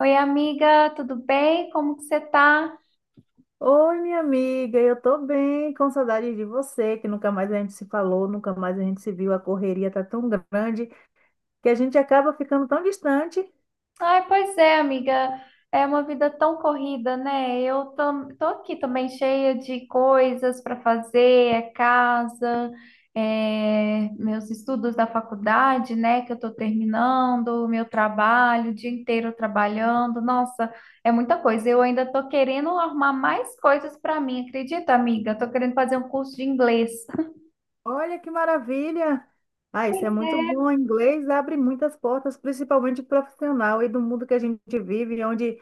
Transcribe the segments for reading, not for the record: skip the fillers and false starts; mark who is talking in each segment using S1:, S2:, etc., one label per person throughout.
S1: Oi, amiga, tudo bem? Como que você tá?
S2: Oi, minha amiga, eu tô bem, com saudade de você, que nunca mais a gente se falou, nunca mais a gente se viu, a correria tá tão grande que a gente acaba ficando tão distante.
S1: Ai, pois é, amiga, é uma vida tão corrida, né? Eu tô aqui também cheia de coisas para fazer, é casa, é meus estudos da faculdade, né, que eu tô terminando, o meu trabalho, o dia inteiro trabalhando. Nossa, é muita coisa. Eu ainda tô querendo arrumar mais coisas para mim, acredita, amiga? Tô querendo fazer um curso de inglês.
S2: Olha que maravilha! Ah, isso
S1: Pois
S2: é muito
S1: é.
S2: bom. O inglês abre muitas portas, principalmente profissional e do mundo que a gente vive, onde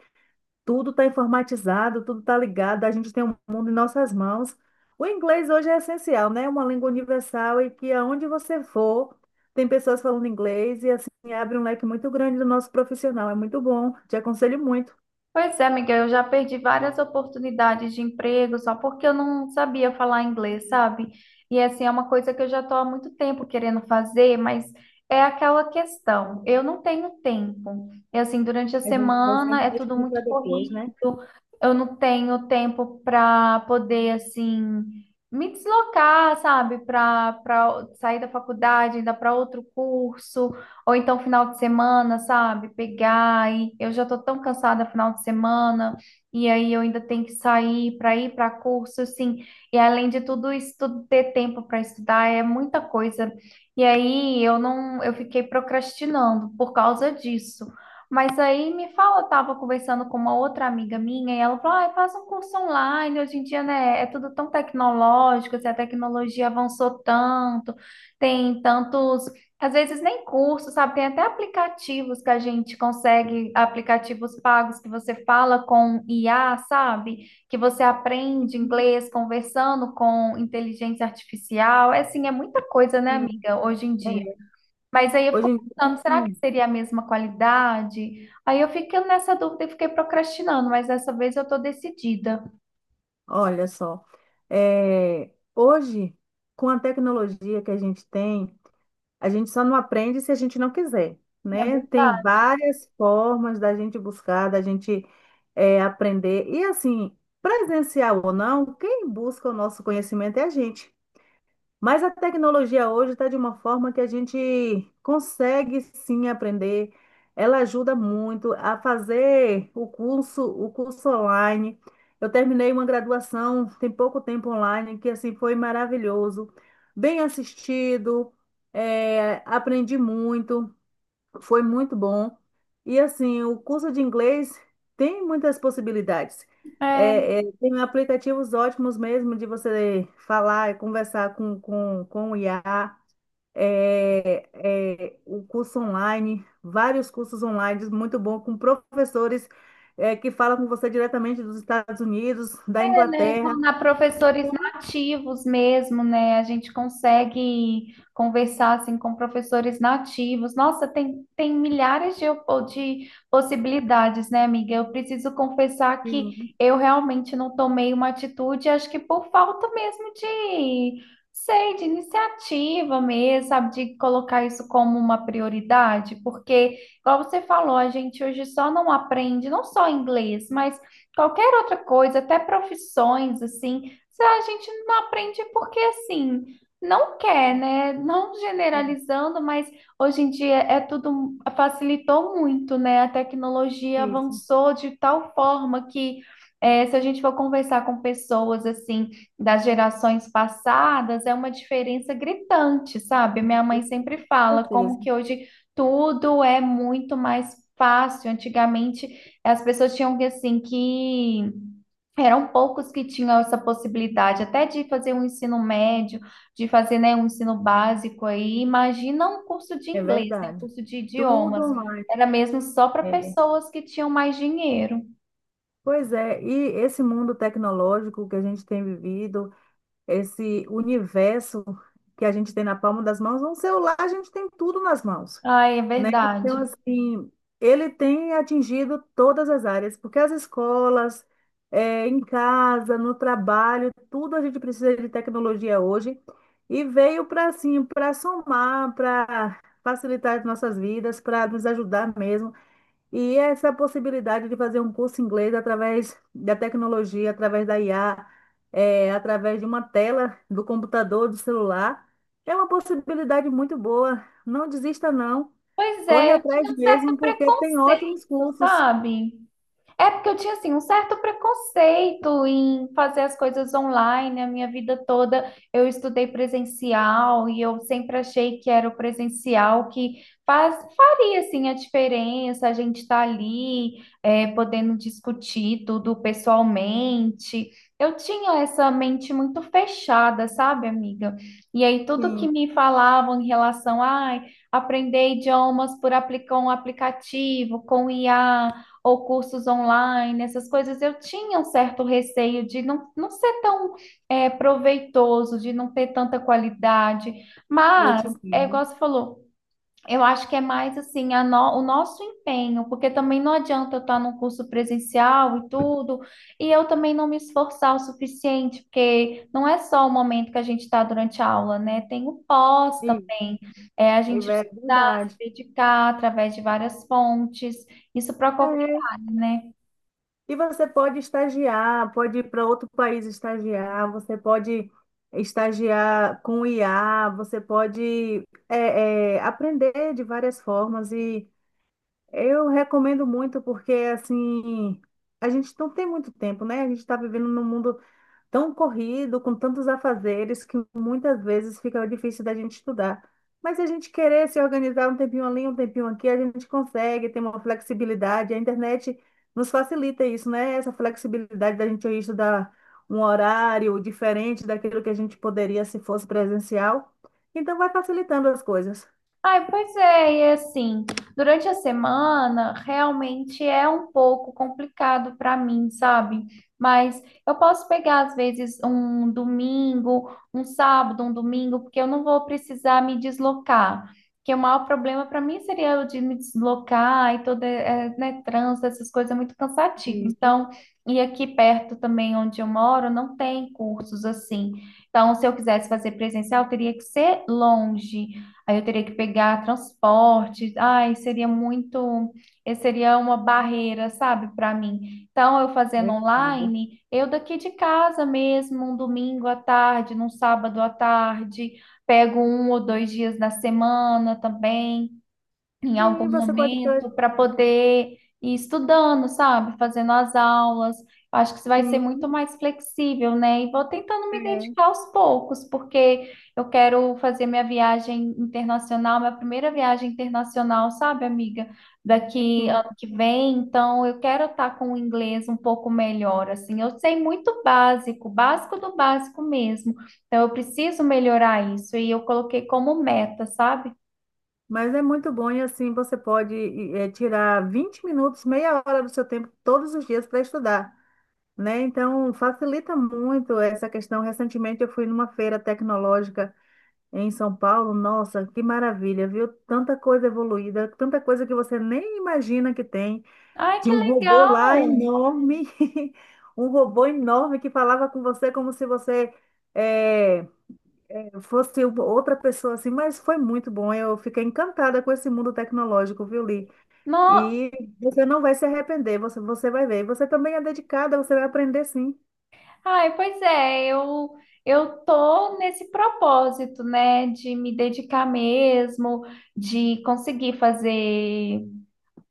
S2: tudo está informatizado, tudo está ligado, a gente tem o mundo em nossas mãos. O inglês hoje é essencial, né? É uma língua universal e que aonde você for, tem pessoas falando inglês e assim abre um leque muito grande do nosso profissional. É muito bom, te aconselho muito.
S1: Pois é, Miguel, eu já perdi várias oportunidades de emprego só porque eu não sabia falar inglês, sabe? E assim, é uma coisa que eu já estou há muito tempo querendo fazer, mas é aquela questão, eu não tenho tempo. E assim, durante a
S2: A gente vai
S1: semana
S2: sempre
S1: é tudo
S2: deixando para
S1: muito
S2: depois, né?
S1: corrido, eu não tenho tempo para poder, assim, me deslocar, sabe? Para sair da faculdade, ainda para outro curso. Ou então final de semana, sabe? Pegar e eu já tô tão cansada final de semana, e aí eu ainda tenho que sair para ir para curso, assim. E além de tudo isso, tudo ter tempo para estudar é muita coisa. E aí eu não, eu fiquei procrastinando por causa disso. Mas aí me fala, eu tava conversando com uma outra amiga minha e ela falou: ah, faz um curso online, hoje em dia, né, é tudo tão tecnológico, assim, a tecnologia avançou tanto, tem tantos às vezes nem curso, sabe? Tem até aplicativos que a gente consegue, aplicativos pagos que você fala com IA, sabe? Que você aprende inglês conversando com inteligência artificial. É assim, é muita coisa, né,
S2: Sim.
S1: amiga, hoje em
S2: É.
S1: dia. Mas aí eu
S2: Hoje
S1: fico
S2: em dia,
S1: pensando, será que
S2: sim.
S1: seria a mesma qualidade? Aí eu fiquei nessa dúvida e fiquei procrastinando, mas dessa vez eu tô decidida.
S2: Olha só, hoje, com a tecnologia que a gente tem, a gente só não aprende se a gente não quiser,
S1: É
S2: né? Tem
S1: verdade.
S2: várias formas da gente buscar, da gente aprender. E assim, presencial ou não, quem busca o nosso conhecimento é a gente. Mas a tecnologia hoje está de uma forma que a gente consegue sim aprender. Ela ajuda muito a fazer o curso online. Eu terminei uma graduação tem pouco tempo online, que assim foi maravilhoso, bem assistido, aprendi muito. Foi muito bom. E assim, o curso de inglês tem muitas possibilidades.
S1: É,
S2: É, tem aplicativos ótimos mesmo de você falar e conversar com o IA. É, é, o curso online, vários cursos online muito bom com professores que falam com você diretamente dos Estados Unidos, da
S1: é, né,
S2: Inglaterra.
S1: formar professores nativos mesmo, né? A gente consegue conversar assim com professores nativos. Nossa, tem milhares de, de possibilidades, né, amiga? Eu preciso confessar que
S2: Sim,
S1: eu realmente não tomei uma atitude, acho que por falta mesmo de, sei, de iniciativa mesmo, sabe? De colocar isso como uma prioridade, porque, igual você falou, a gente hoje só não aprende, não só inglês, mas qualquer outra coisa, até profissões, assim, a gente não aprende é porque, assim, não quer, né? Não
S2: é,
S1: generalizando, mas hoje em dia é tudo, facilitou muito, né? A tecnologia
S2: isso,
S1: avançou de tal forma que, se a gente for conversar com pessoas, assim, das gerações passadas, é uma diferença gritante, sabe? Minha mãe
S2: isso,
S1: sempre
S2: com
S1: fala
S2: certeza,
S1: como que hoje tudo é muito mais fácil. Antigamente, as pessoas tinham que, assim, que eram poucos que tinham essa possibilidade, até de fazer um ensino médio, de fazer, né, um ensino básico aí. Imagina um curso de
S2: é
S1: inglês, né, um
S2: verdade.
S1: curso de
S2: Tudo
S1: idiomas.
S2: online.
S1: Era mesmo só para
S2: É.
S1: pessoas que tinham mais dinheiro.
S2: Pois é, e esse mundo tecnológico que a gente tem vivido, esse universo que a gente tem na palma das mãos, um celular a gente tem tudo nas mãos,
S1: Ai, é
S2: né? Então,
S1: verdade.
S2: assim, ele tem atingido todas as áreas, porque as escolas, em casa, no trabalho, tudo a gente precisa de tecnologia hoje, e veio para, assim, para somar, para facilitar as nossas vidas, para nos ajudar mesmo. E essa possibilidade de fazer um curso em inglês através da tecnologia, através da IA, através de uma tela do computador, do celular, é uma possibilidade muito boa. Não desista, não.
S1: Pois
S2: Corre
S1: é, eu
S2: atrás
S1: tinha um
S2: mesmo,
S1: certo
S2: porque tem
S1: preconceito,
S2: ótimos cursos.
S1: sabe? É porque eu tinha assim um certo preconceito em fazer as coisas online, a minha vida toda eu estudei presencial e eu sempre achei que era o presencial que faria assim a diferença, a gente tá ali é, podendo discutir tudo pessoalmente. Eu tinha essa mente muito fechada, sabe, amiga? E aí tudo que
S2: Sim,
S1: me falavam em relação a aprender idiomas por aplicar um aplicativo com IA ou cursos online, essas coisas, eu tinha um certo receio de não ser tão é, proveitoso, de não ter tanta qualidade,
S2: eu te
S1: mas é
S2: entendo.
S1: igual você falou. Eu acho que é mais assim a no- o nosso empenho, porque também não adianta eu estar num curso presencial e tudo, e eu também não me esforçar o suficiente, porque não é só o momento que a gente está durante a aula, né? Tem o pós
S2: Sim,
S1: também, é a
S2: é
S1: gente se
S2: verdade.
S1: dedicar através de várias fontes, isso para qualquer
S2: É.
S1: área, né?
S2: E você pode estagiar, pode ir para outro país estagiar, você pode estagiar com IA, você pode aprender de várias formas. E eu recomendo muito porque, assim, a gente não tem muito tempo, né? A gente está vivendo num mundo tão corrido, com tantos afazeres, que muitas vezes fica difícil da gente estudar. Mas se a gente querer se organizar um tempinho ali, um tempinho aqui, a gente consegue, tem uma flexibilidade. A internet nos facilita isso, né? Essa flexibilidade da gente ir estudar um horário diferente daquilo que a gente poderia se fosse presencial. Então, vai facilitando as coisas.
S1: Ai, pois é, e assim, durante a semana realmente é um pouco complicado para mim, sabe? Mas eu posso pegar às vezes um domingo, um sábado, um domingo, porque eu não vou precisar me deslocar. Porque o maior problema para mim seria o de me deslocar e toda, é, né, trânsito, essas coisas é muito cansativo.
S2: Isso,
S1: Então, e aqui perto também onde eu moro, não tem cursos assim. Então, se eu quisesse fazer presencial, teria que ser longe. Aí eu teria que pegar transporte. Ai, seria muito, seria uma barreira, sabe, para mim. Então, eu
S2: eu
S1: fazendo
S2: entendo.
S1: online, eu daqui de casa mesmo, um domingo à tarde, num sábado à tarde, pego um ou dois dias na semana também em algum
S2: Sim, você pode.
S1: momento para poder ir estudando, sabe? Fazendo as aulas. Eu Acho que isso vai ser
S2: Sim,
S1: muito mais flexível, né? E vou tentando me
S2: É,
S1: dedicar aos poucos, porque eu quero fazer minha viagem internacional, minha primeira viagem internacional, sabe, amiga? Daqui
S2: sim.
S1: ano que vem, então eu quero estar com o inglês um pouco melhor, assim. Eu sei muito básico, básico do básico mesmo. Então eu preciso melhorar isso e eu coloquei como meta, sabe?
S2: Mas é muito bom e assim você pode tirar 20 minutos, meia hora do seu tempo todos os dias para estudar, né? Então facilita muito essa questão. Recentemente eu fui numa feira tecnológica em São Paulo. Nossa, que maravilha, viu? Tanta coisa evoluída, tanta coisa que você nem imagina que tem.
S1: Ai, que
S2: Tinha um robô lá
S1: legal!
S2: enorme, um robô enorme que falava com você como se você é, eu fosse outra pessoa assim, mas foi muito bom. Eu fiquei encantada com esse mundo tecnológico, viu, Li?
S1: No...
S2: E você não vai se arrepender, você vai ver. Você também é dedicada, você vai aprender sim.
S1: Ai, pois é, eu tô nesse propósito, né, de me dedicar mesmo, de conseguir fazer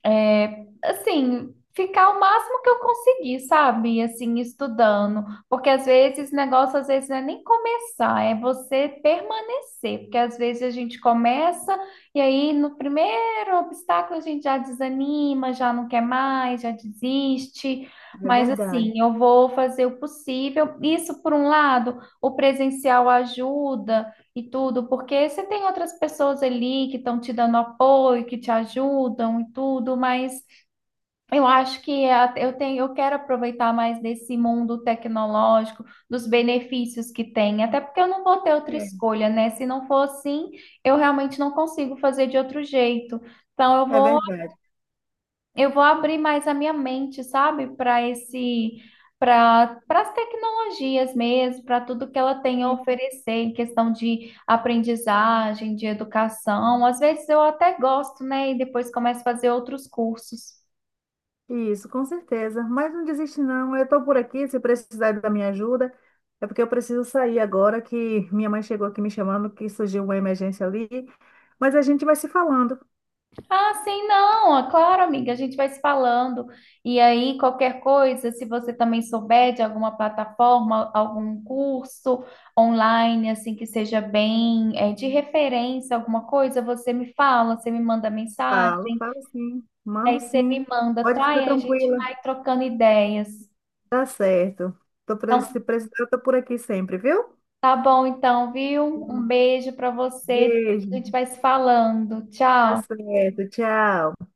S1: é, assim, ficar o máximo que eu conseguir, sabe? Assim, estudando. Porque às vezes, negócio às vezes não é nem começar, é você permanecer. Porque às vezes a gente começa e aí no primeiro obstáculo a gente já desanima, já não quer mais, já desiste.
S2: É
S1: Mas
S2: verdade.
S1: assim, eu vou fazer o possível. Isso, por um lado, o presencial ajuda e tudo, porque você tem outras pessoas ali que estão te dando apoio, que te ajudam e tudo, mas eu acho que é eu tenho, eu quero aproveitar mais desse mundo tecnológico, dos benefícios que tem, até porque eu não vou ter outra
S2: É,
S1: escolha, né? Se não for assim, eu realmente não consigo fazer de outro jeito. Então
S2: é verdade.
S1: eu vou abrir mais a minha mente, sabe, para esse, para as tecnologias mesmo, para tudo que ela tem a
S2: E-
S1: oferecer em questão de aprendizagem, de educação. Às vezes eu até gosto, né? E depois começo a fazer outros cursos.
S2: Isso, com certeza. Mas não desiste, não. Eu estou por aqui, se precisar da minha ajuda. É porque eu preciso sair agora, que minha mãe chegou aqui me chamando, que surgiu uma emergência ali. Mas a gente vai se falando.
S1: Ah, sim, não, é claro, amiga, a gente vai se falando. E aí, qualquer coisa, se você também souber de alguma plataforma, algum curso online, assim, que seja bem, é, de referência, alguma coisa, você me fala, você me manda
S2: Falo,
S1: mensagem,
S2: falo sim,
S1: aí
S2: mando
S1: você
S2: sim.
S1: me manda,
S2: Pode ficar
S1: até a gente
S2: tranquila.
S1: vai trocando ideias.
S2: Tá certo. Se
S1: Então,
S2: precisar, eu tô por aqui sempre, viu?
S1: tá bom, então, viu? Um
S2: Hum.
S1: beijo para você, depois
S2: Beijo.
S1: a gente vai se falando.
S2: Tá
S1: Tchau.
S2: certo. Tchau.